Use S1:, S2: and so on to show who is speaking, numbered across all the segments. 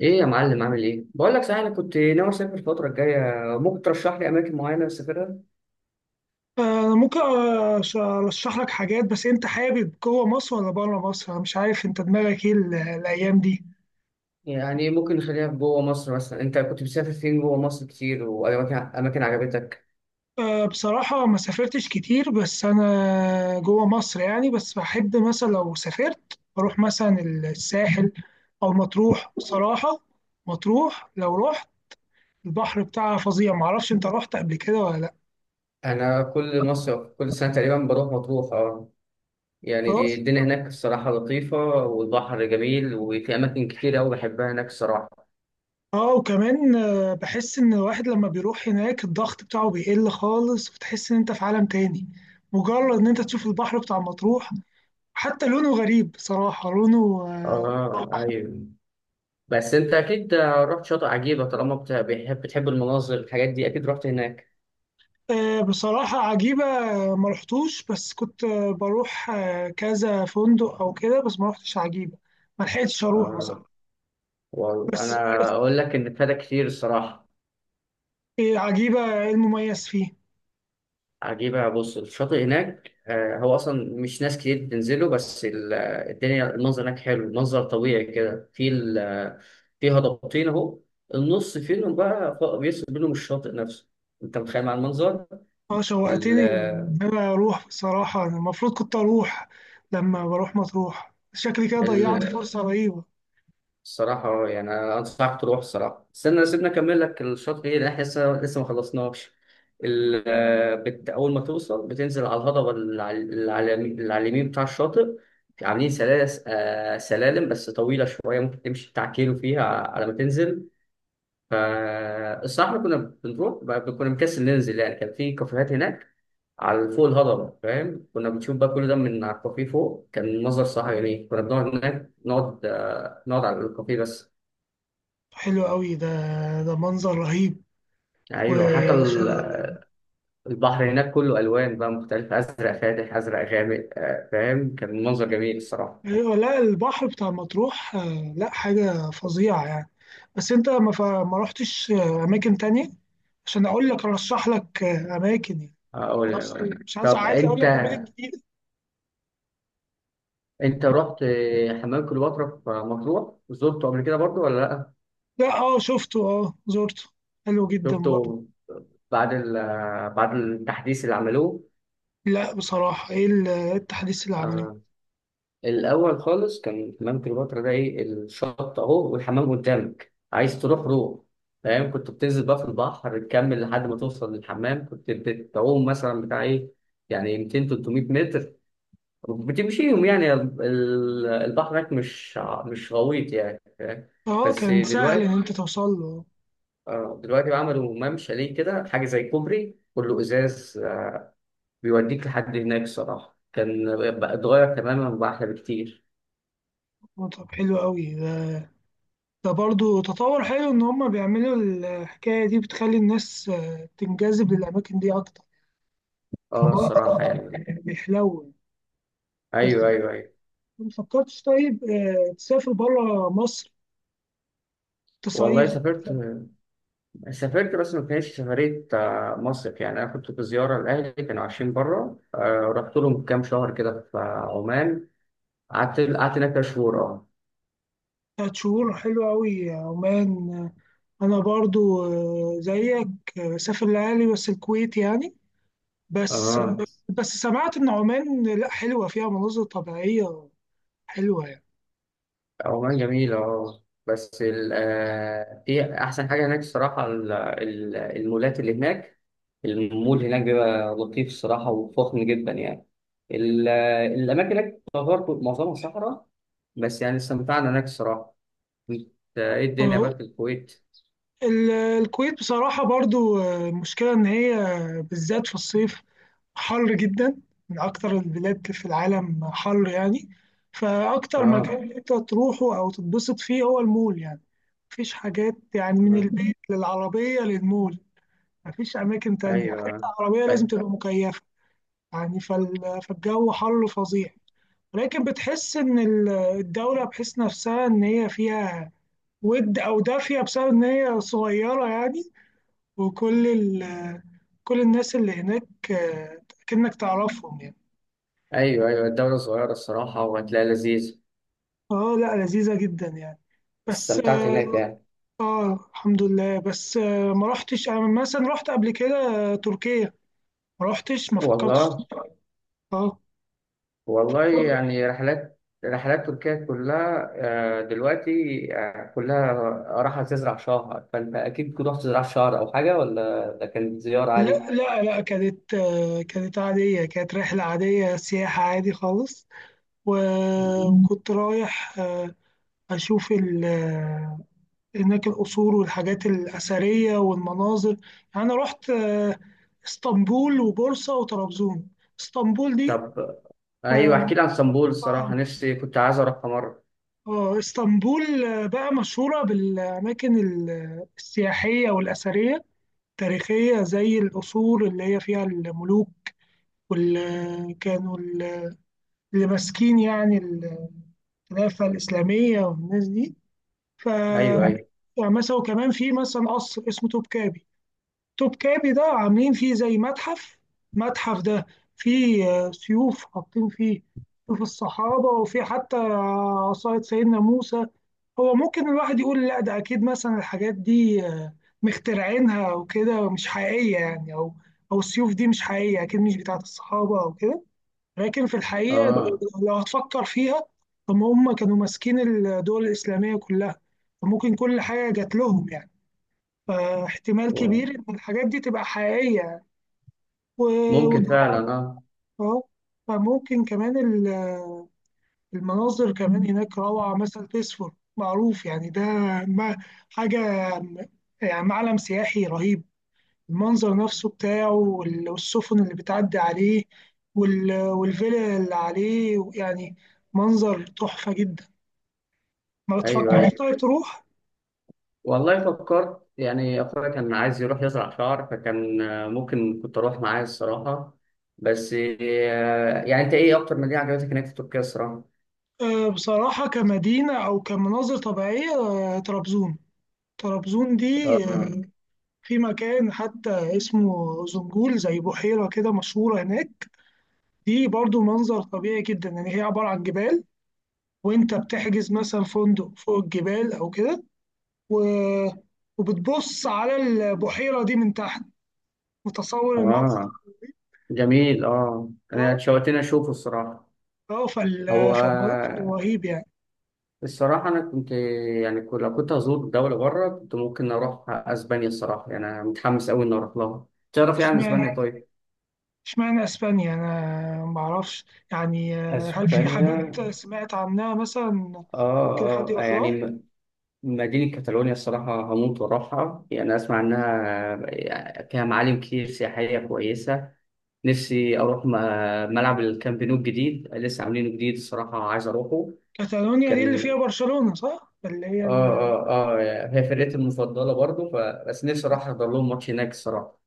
S1: ايه يا معلم عامل ايه؟ بقول لك صحيح انا كنت ناوي اسافر الفترة الجاية. ممكن ترشح لي اماكن معينة اسافرها؟
S2: أنا ممكن أرشح لك حاجات. بس أنت حابب جوه مصر ولا بره مصر؟ أنا مش عارف أنت دماغك إيه الأيام دي.
S1: يعني ممكن نخليها في جوه مصر، مثلا انت كنت بتسافر فين جوه مصر كتير، واماكن اماكن عجبتك؟
S2: بصراحة ما سافرتش كتير بس أنا جوه مصر يعني. بس بحب مثلا لو سافرت أروح مثلا الساحل أو مطروح بصراحة. مطروح لو رحت البحر بتاعها فظيع. معرفش أنت رحت قبل كده ولا لأ.
S1: انا كل مصر كل سنة تقريبا بروح مطروح، اه. يعني
S2: خلاص.
S1: الدنيا هناك الصراحة لطيفة، والبحر جميل، وفي اماكن كتير قوي بحبها هناك الصراحة.
S2: اه، وكمان بحس ان الواحد لما بيروح هناك الضغط بتاعه بيقل خالص، وتحس ان انت في عالم تاني. مجرد ان انت تشوف البحر بتاع مطروح حتى لونه غريب بصراحة. لونه.
S1: اه، ايوه. بس انت اكيد رحت شاطئ عجيبة، طالما بتحب المناظر الحاجات دي، اكيد رحت هناك.
S2: بصراحة عجيبة. ما رحتوش، بس كنت. بروح كذا فندق او كده، بس ما رحتش عجيبة. ما لحقتش اروح
S1: اه،
S2: بصراحة.
S1: والله
S2: بس
S1: انا
S2: بس،
S1: اقول لك ان ابتدى كتير الصراحه.
S2: عجيبة ايه المميز فيه.
S1: عجيبه، بص، الشاطئ هناك هو اصلا مش ناس كتير بتنزله، بس الدنيا المنظر هناك حلو، منظر طبيعي كده، في في هضبتين اهو. النص فيهم بقى بيفصل بينهم الشاطئ نفسه. انت متخيل مع المنظر.
S2: اه، شوقتني
S1: ال-
S2: إن انا اروح بصراحة. أنا المفروض كنت اروح لما بروح مطروح. شكلي كده ضيعت فرصة رهيبة.
S1: الصراحة يعني أنا أنصحك تروح الصراحة. استنى سيبنا أكمل لك الشاطئ إيه، لأن إحنا لسه ما خلصناش. أول ما توصل بتنزل على الهضبة اللي على اليمين اللي على اليمين بتاع الشاطئ. عاملين سلالس... آه، سلالم بس طويلة شوية، ممكن تمشي بتاع كيلو فيها على ما تنزل. فالصراحة إحنا كنا، كنا مكسل ننزل يعني. كان في كافيهات هناك على فوق الهضبة، فاهم، كنا بنشوف بقى كل ده من على الكافيه فوق، كان منظر صح يعني. كنا بنقعد هناك، نقعد على الكافيه بس.
S2: حلو قوي ده. ده منظر رهيب.
S1: ايوه، حتى
S2: وشغل.
S1: البحر هناك كله الوان بقى مختلفه، ازرق فاتح ازرق غامق، فاهم، كان منظر جميل الصراحه.
S2: ايوه، لا البحر بتاع مطروح لا، حاجة فظيعة يعني. بس انت ما رحتش اماكن تانية عشان اقول لك ارشح لك اماكن يعني.
S1: اول
S2: بس
S1: الالوان.
S2: مش عايز
S1: طب
S2: عايز اقول
S1: انت،
S2: لك اماكن جديدة.
S1: انت رحت حمام كليوباترا في مطروح؟ زرته قبل كده برضو ولا لا؟
S2: لا، اه شفته، اه زرته، حلو جدا برضه.
S1: شفته بعد بعد التحديث اللي عملوه؟
S2: لا بصراحة، إيه التحديث اللي عمله؟
S1: آه. الاول خالص كان حمام كليوباترا ده ايه، الشط اهو والحمام قدامك، عايز تروح روح. فاهم، كنت بتنزل بقى في البحر تكمل لحد ما توصل للحمام، كنت بتعوم مثلا بتاع ايه، يعني 200 300 متر بتمشيهم يعني. البحر هناك مش غويط يعني، فاهم؟
S2: اه،
S1: بس
S2: كان سهل ان
S1: دلوقتي،
S2: انت توصل له.
S1: دلوقتي بقى عملوا ممشى ليه كده، حاجه زي كوبري كله ازاز، بيوديك لحد هناك. صراحه كان بقى اتغير تماما، وبقى احلى بكتير.
S2: طب حلو قوي ده، ده برضو تطور حلو ان هم بيعملوا الحكايه دي، بتخلي الناس تنجذب للاماكن دي اكتر.
S1: اه،
S2: كمان
S1: الصراحه يعني.
S2: بيحلو. بس
S1: ايوه، ايوه، ايوه.
S2: ما فكرتش طيب تسافر بره مصر
S1: والله
S2: تصيف؟
S1: سافرت. سافرت، بس ما كانتش سفريه مصيف يعني، انا كنت في زياره لاهلي، كانوا عايشين بره، رحت لهم كام شهر كده في عمان. قعدت هناك كام شهور، اه.
S2: تلات شهور، حلو قوي عمان. انا برضو زيك، بسافر لأهلي بس الكويت يعني. بس.
S1: اه،
S2: بس سمعت ان عمان لا حلوه فيها مناظر طبيعيه حلوه.
S1: عمان جميله، اه. بس ال... آه، في احسن حاجه هناك الصراحه، المولات اللي هناك. المول هناك بيبقى لطيف الصراحه، وفخم جدا يعني. ال... آه، الاماكن هناك برضه معظمها صحراء، بس يعني استمتعنا هناك الصراحه. انت، ايه الدنيا بقى
S2: يعني
S1: في الكويت؟
S2: الكويت بصراحة برضو مشكلة إن هي بالذات في الصيف حر جدا. من أكتر البلاد في العالم حر يعني. فأكتر
S1: اه.
S2: مكان أنت تروحه أو تتبسط فيه هو المول يعني. مفيش حاجات، يعني من
S1: آه.
S2: البيت للعربية للمول. مفيش أماكن تانية حتى.
S1: ايوه.
S2: العربية لازم
S1: أي-،
S2: تبقى مكيفة. يعني فالجو حر فظيع. لكن بتحس إن الدولة، بحس نفسها إن هي فيها ود أو دافية بسبب إن هي صغيرة يعني. وكل ال كل الناس اللي هناك كأنك تعرفهم يعني.
S1: ايوه، ايوه، الدولة صغيرة الصراحة، وهتلاقي لذيذ.
S2: اه، لا لذيذة جدا يعني. بس
S1: استمتعت
S2: اه،
S1: هناك يعني.
S2: الحمد لله. بس آه ما رحتش انا مثلا. رحت قبل كده تركيا. ما رحتش، ما فكرتش.
S1: والله،
S2: اه
S1: والله يعني رحلات، رحلات تركيا كلها دلوقتي كلها راحة تزرع شهر. فأنت أكيد كنت رحت تزرع شهر أو حاجة، ولا ده كانت زيارة عادي؟
S2: لا لا لا، كانت عادية، كانت رحلة عادية سياحة عادي خالص.
S1: مم.
S2: وكنت رايح أشوف هناك القصور والحاجات الأثرية والمناظر يعني. أنا رحت اسطنبول وبورصة وطرابزون. اسطنبول دي
S1: طب، أيوه احكي
S2: آه
S1: لي عن اسطنبول
S2: آه،
S1: الصراحة، نفسي كنت عايز أروحها مرة.
S2: آه، اسطنبول بقى مشهورة بالأماكن السياحية والأثرية التاريخية زي القصور اللي هي فيها الملوك، واللي كانوا اللي ماسكين يعني الخلافة الإسلامية والناس دي. ف
S1: أيوه، أيوه،
S2: يعني مثلا وكمان في مثلا قصر اسمه توبكابي. توبكابي ده عاملين فيه زي متحف. المتحف ده فيه سيوف حاطين فيه سيوف الصحابة، وفيه حتى عصاية سيدنا موسى. هو ممكن الواحد يقول لا ده أكيد، مثلا الحاجات دي مخترعينها وكده مش حقيقية يعني. أو السيوف دي مش حقيقية، أكيد مش بتاعة الصحابة أو كده. لكن في الحقيقة أنت
S1: آه.
S2: لو هتفكر فيها، طب ما هم كانوا ماسكين الدول الإسلامية كلها، فممكن كل حاجة جات لهم يعني. فاحتمال
S1: و-،
S2: كبير إن الحاجات دي تبقى حقيقية.
S1: ممكن فعلا،
S2: ودولار.
S1: آه.
S2: اه، فممكن كمان المناظر كمان هناك روعة، مثلا تسفر معروف يعني ده ما- حاجة، م- يعني معلم سياحي رهيب، المنظر نفسه بتاعه والسفن اللي بتعدي عليه والفيلا اللي عليه يعني. منظر تحفة جدا. ما
S1: أيوه،
S2: بتفكرش
S1: أيوه،
S2: طيب تروح؟
S1: والله فكرت يعني، أخويا كان عايز يروح يزرع شعر، فكان ممكن كنت أروح معاه الصراحة. بس يعني أنت إيه أكتر مدينة عجبتك هناك في تركيا الصراحة؟
S2: بصراحة كمدينة أو كمناظر طبيعية طرابزون. طرابزون دي
S1: آه،
S2: في مكان حتى اسمه زنجول زي بحيرة كده مشهورة هناك. دي برضو منظر طبيعي جدا. يعني هي عبارة عن جبال، وانت بتحجز مثلا فندق فوق الجبال او كده، و... وبتبص على البحيرة دي من تحت، متصور المنظر.
S1: آه، جميل، آه، أنا
S2: اه
S1: اتشوقتني أشوفه الصراحة.
S2: اه،
S1: هو
S2: فالمنظر رهيب يعني.
S1: الصراحة أنا كنت، يعني لو كنت هزور دولة بره كنت ممكن أروح أسبانيا الصراحة، يعني أنا متحمس أوي إني أروح لها. تعرف يعني أسبانيا
S2: اشمعنى
S1: طيب؟
S2: اشمعنى اسبانيا، انا معرفش. يعني هل في
S1: اسبانيا،
S2: حاجات سمعت عنها مثلا ممكن حد
S1: اه اه
S2: يروح لها؟
S1: يعني، مدينة كاتالونيا الصراحة هموت وأروحها، يعني أسمع إنها فيها معالم كتير سياحية كويسة. نفسي أروح ملعب الكامب نو الجديد، لسه عاملينه جديد الصراحة، عايز أروحه.
S2: كاتالونيا دي اللي
S1: كان،
S2: فيها برشلونة صح؟ اللي هي
S1: آه آه آه، هي فرقتي المفضلة برضه ف... بس نفسي أروح أحضر لهم ماتش هناك الصراحة.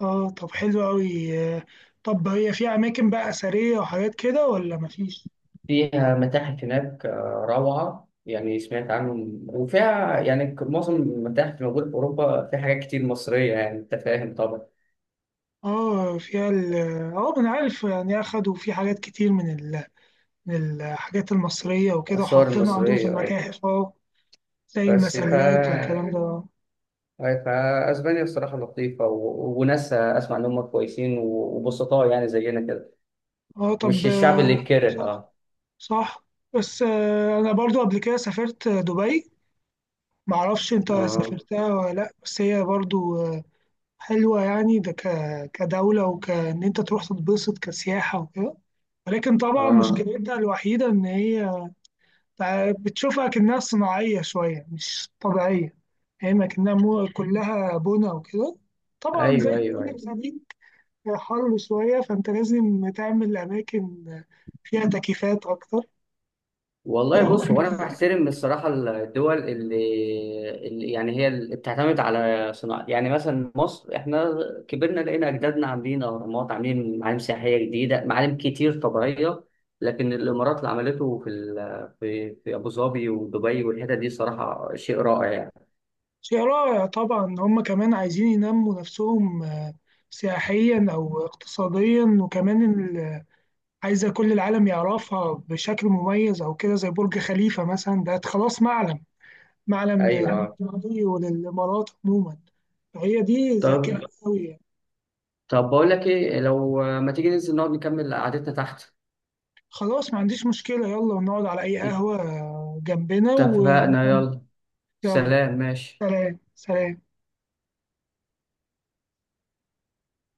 S2: اه طب حلو قوي. طب هي فيها اماكن بقى اثريه وحاجات كده ولا مفيش؟
S1: فيها متاحف هناك روعة يعني، سمعت عنهم. وفيها يعني، معظم المتاحف اللي موجودة في أوروبا فيها حاجات كتير مصرية، يعني أنت فاهم طبعا.
S2: اه فيها اه انا عارف، يعني اخدوا في حاجات كتير من من الحاجات المصريه وكده،
S1: الآثار
S2: وحطينا عندهم في
S1: المصرية آه.
S2: المتاحف اه. زي
S1: بس ف،
S2: المسلات والكلام ده.
S1: أي، فاسبانيا الصراحه لطيفه، و... وناسها اسمع ان هم كويسين وبسطاء، يعني زينا كده،
S2: اه
S1: مش
S2: طب
S1: الشعب اللي يتكره،
S2: صح،
S1: اه.
S2: صح. بس انا برضو قبل كده سافرت دبي. معرفش انت
S1: اه،
S2: سافرتها ولا لا، بس هي برضو حلوة يعني. ده كدولة، وكأن أنت تروح تتبسط كسياحة وكده. ولكن طبعا
S1: اه،
S2: مشكلتها الوحيدة إن هي بتشوفها كأنها صناعية شوية مش طبيعية. يعني هي ما كأنها كلها بنا وكده. طبعا زي
S1: ايوه، ايوه،
S2: كل
S1: ايوه.
S2: جديد، حر شوية فأنت لازم تعمل أماكن فيها تكييفات أكتر.
S1: والله بص، هو انا بحترم الصراحه الدول اللي، اللي يعني هي اللي بتعتمد على صناعه. يعني مثلا مصر، احنا كبرنا لقينا اجدادنا عاملين اهرامات، عاملين معالم سياحيه جديده، معالم كتير طبيعيه. لكن الامارات اللي عملته في ال...، في ابو ظبي ودبي والحتت دي، صراحه شيء رائع يعني.
S2: شيء رائع. طبعا هم كمان عايزين ينموا نفسهم سياحيا أو اقتصاديا، وكمان عايزة كل العالم يعرفها بشكل مميز أو كده، زي برج خليفة مثلا ده خلاص معلم، معلم
S1: ايوه.
S2: للماضي وللإمارات عموما. فهي دي
S1: طب،
S2: ذكاء أوي يعني.
S1: طب بقول لك ايه، لو ما تيجي ننزل نقعد نكمل قعدتنا تحت؟
S2: خلاص، ما عنديش مشكلة، يلا ونقعد على أي قهوة جنبنا و...
S1: اتفقنا، يلا،
S2: يلا،
S1: سلام، ماشي.
S2: سلام سلام.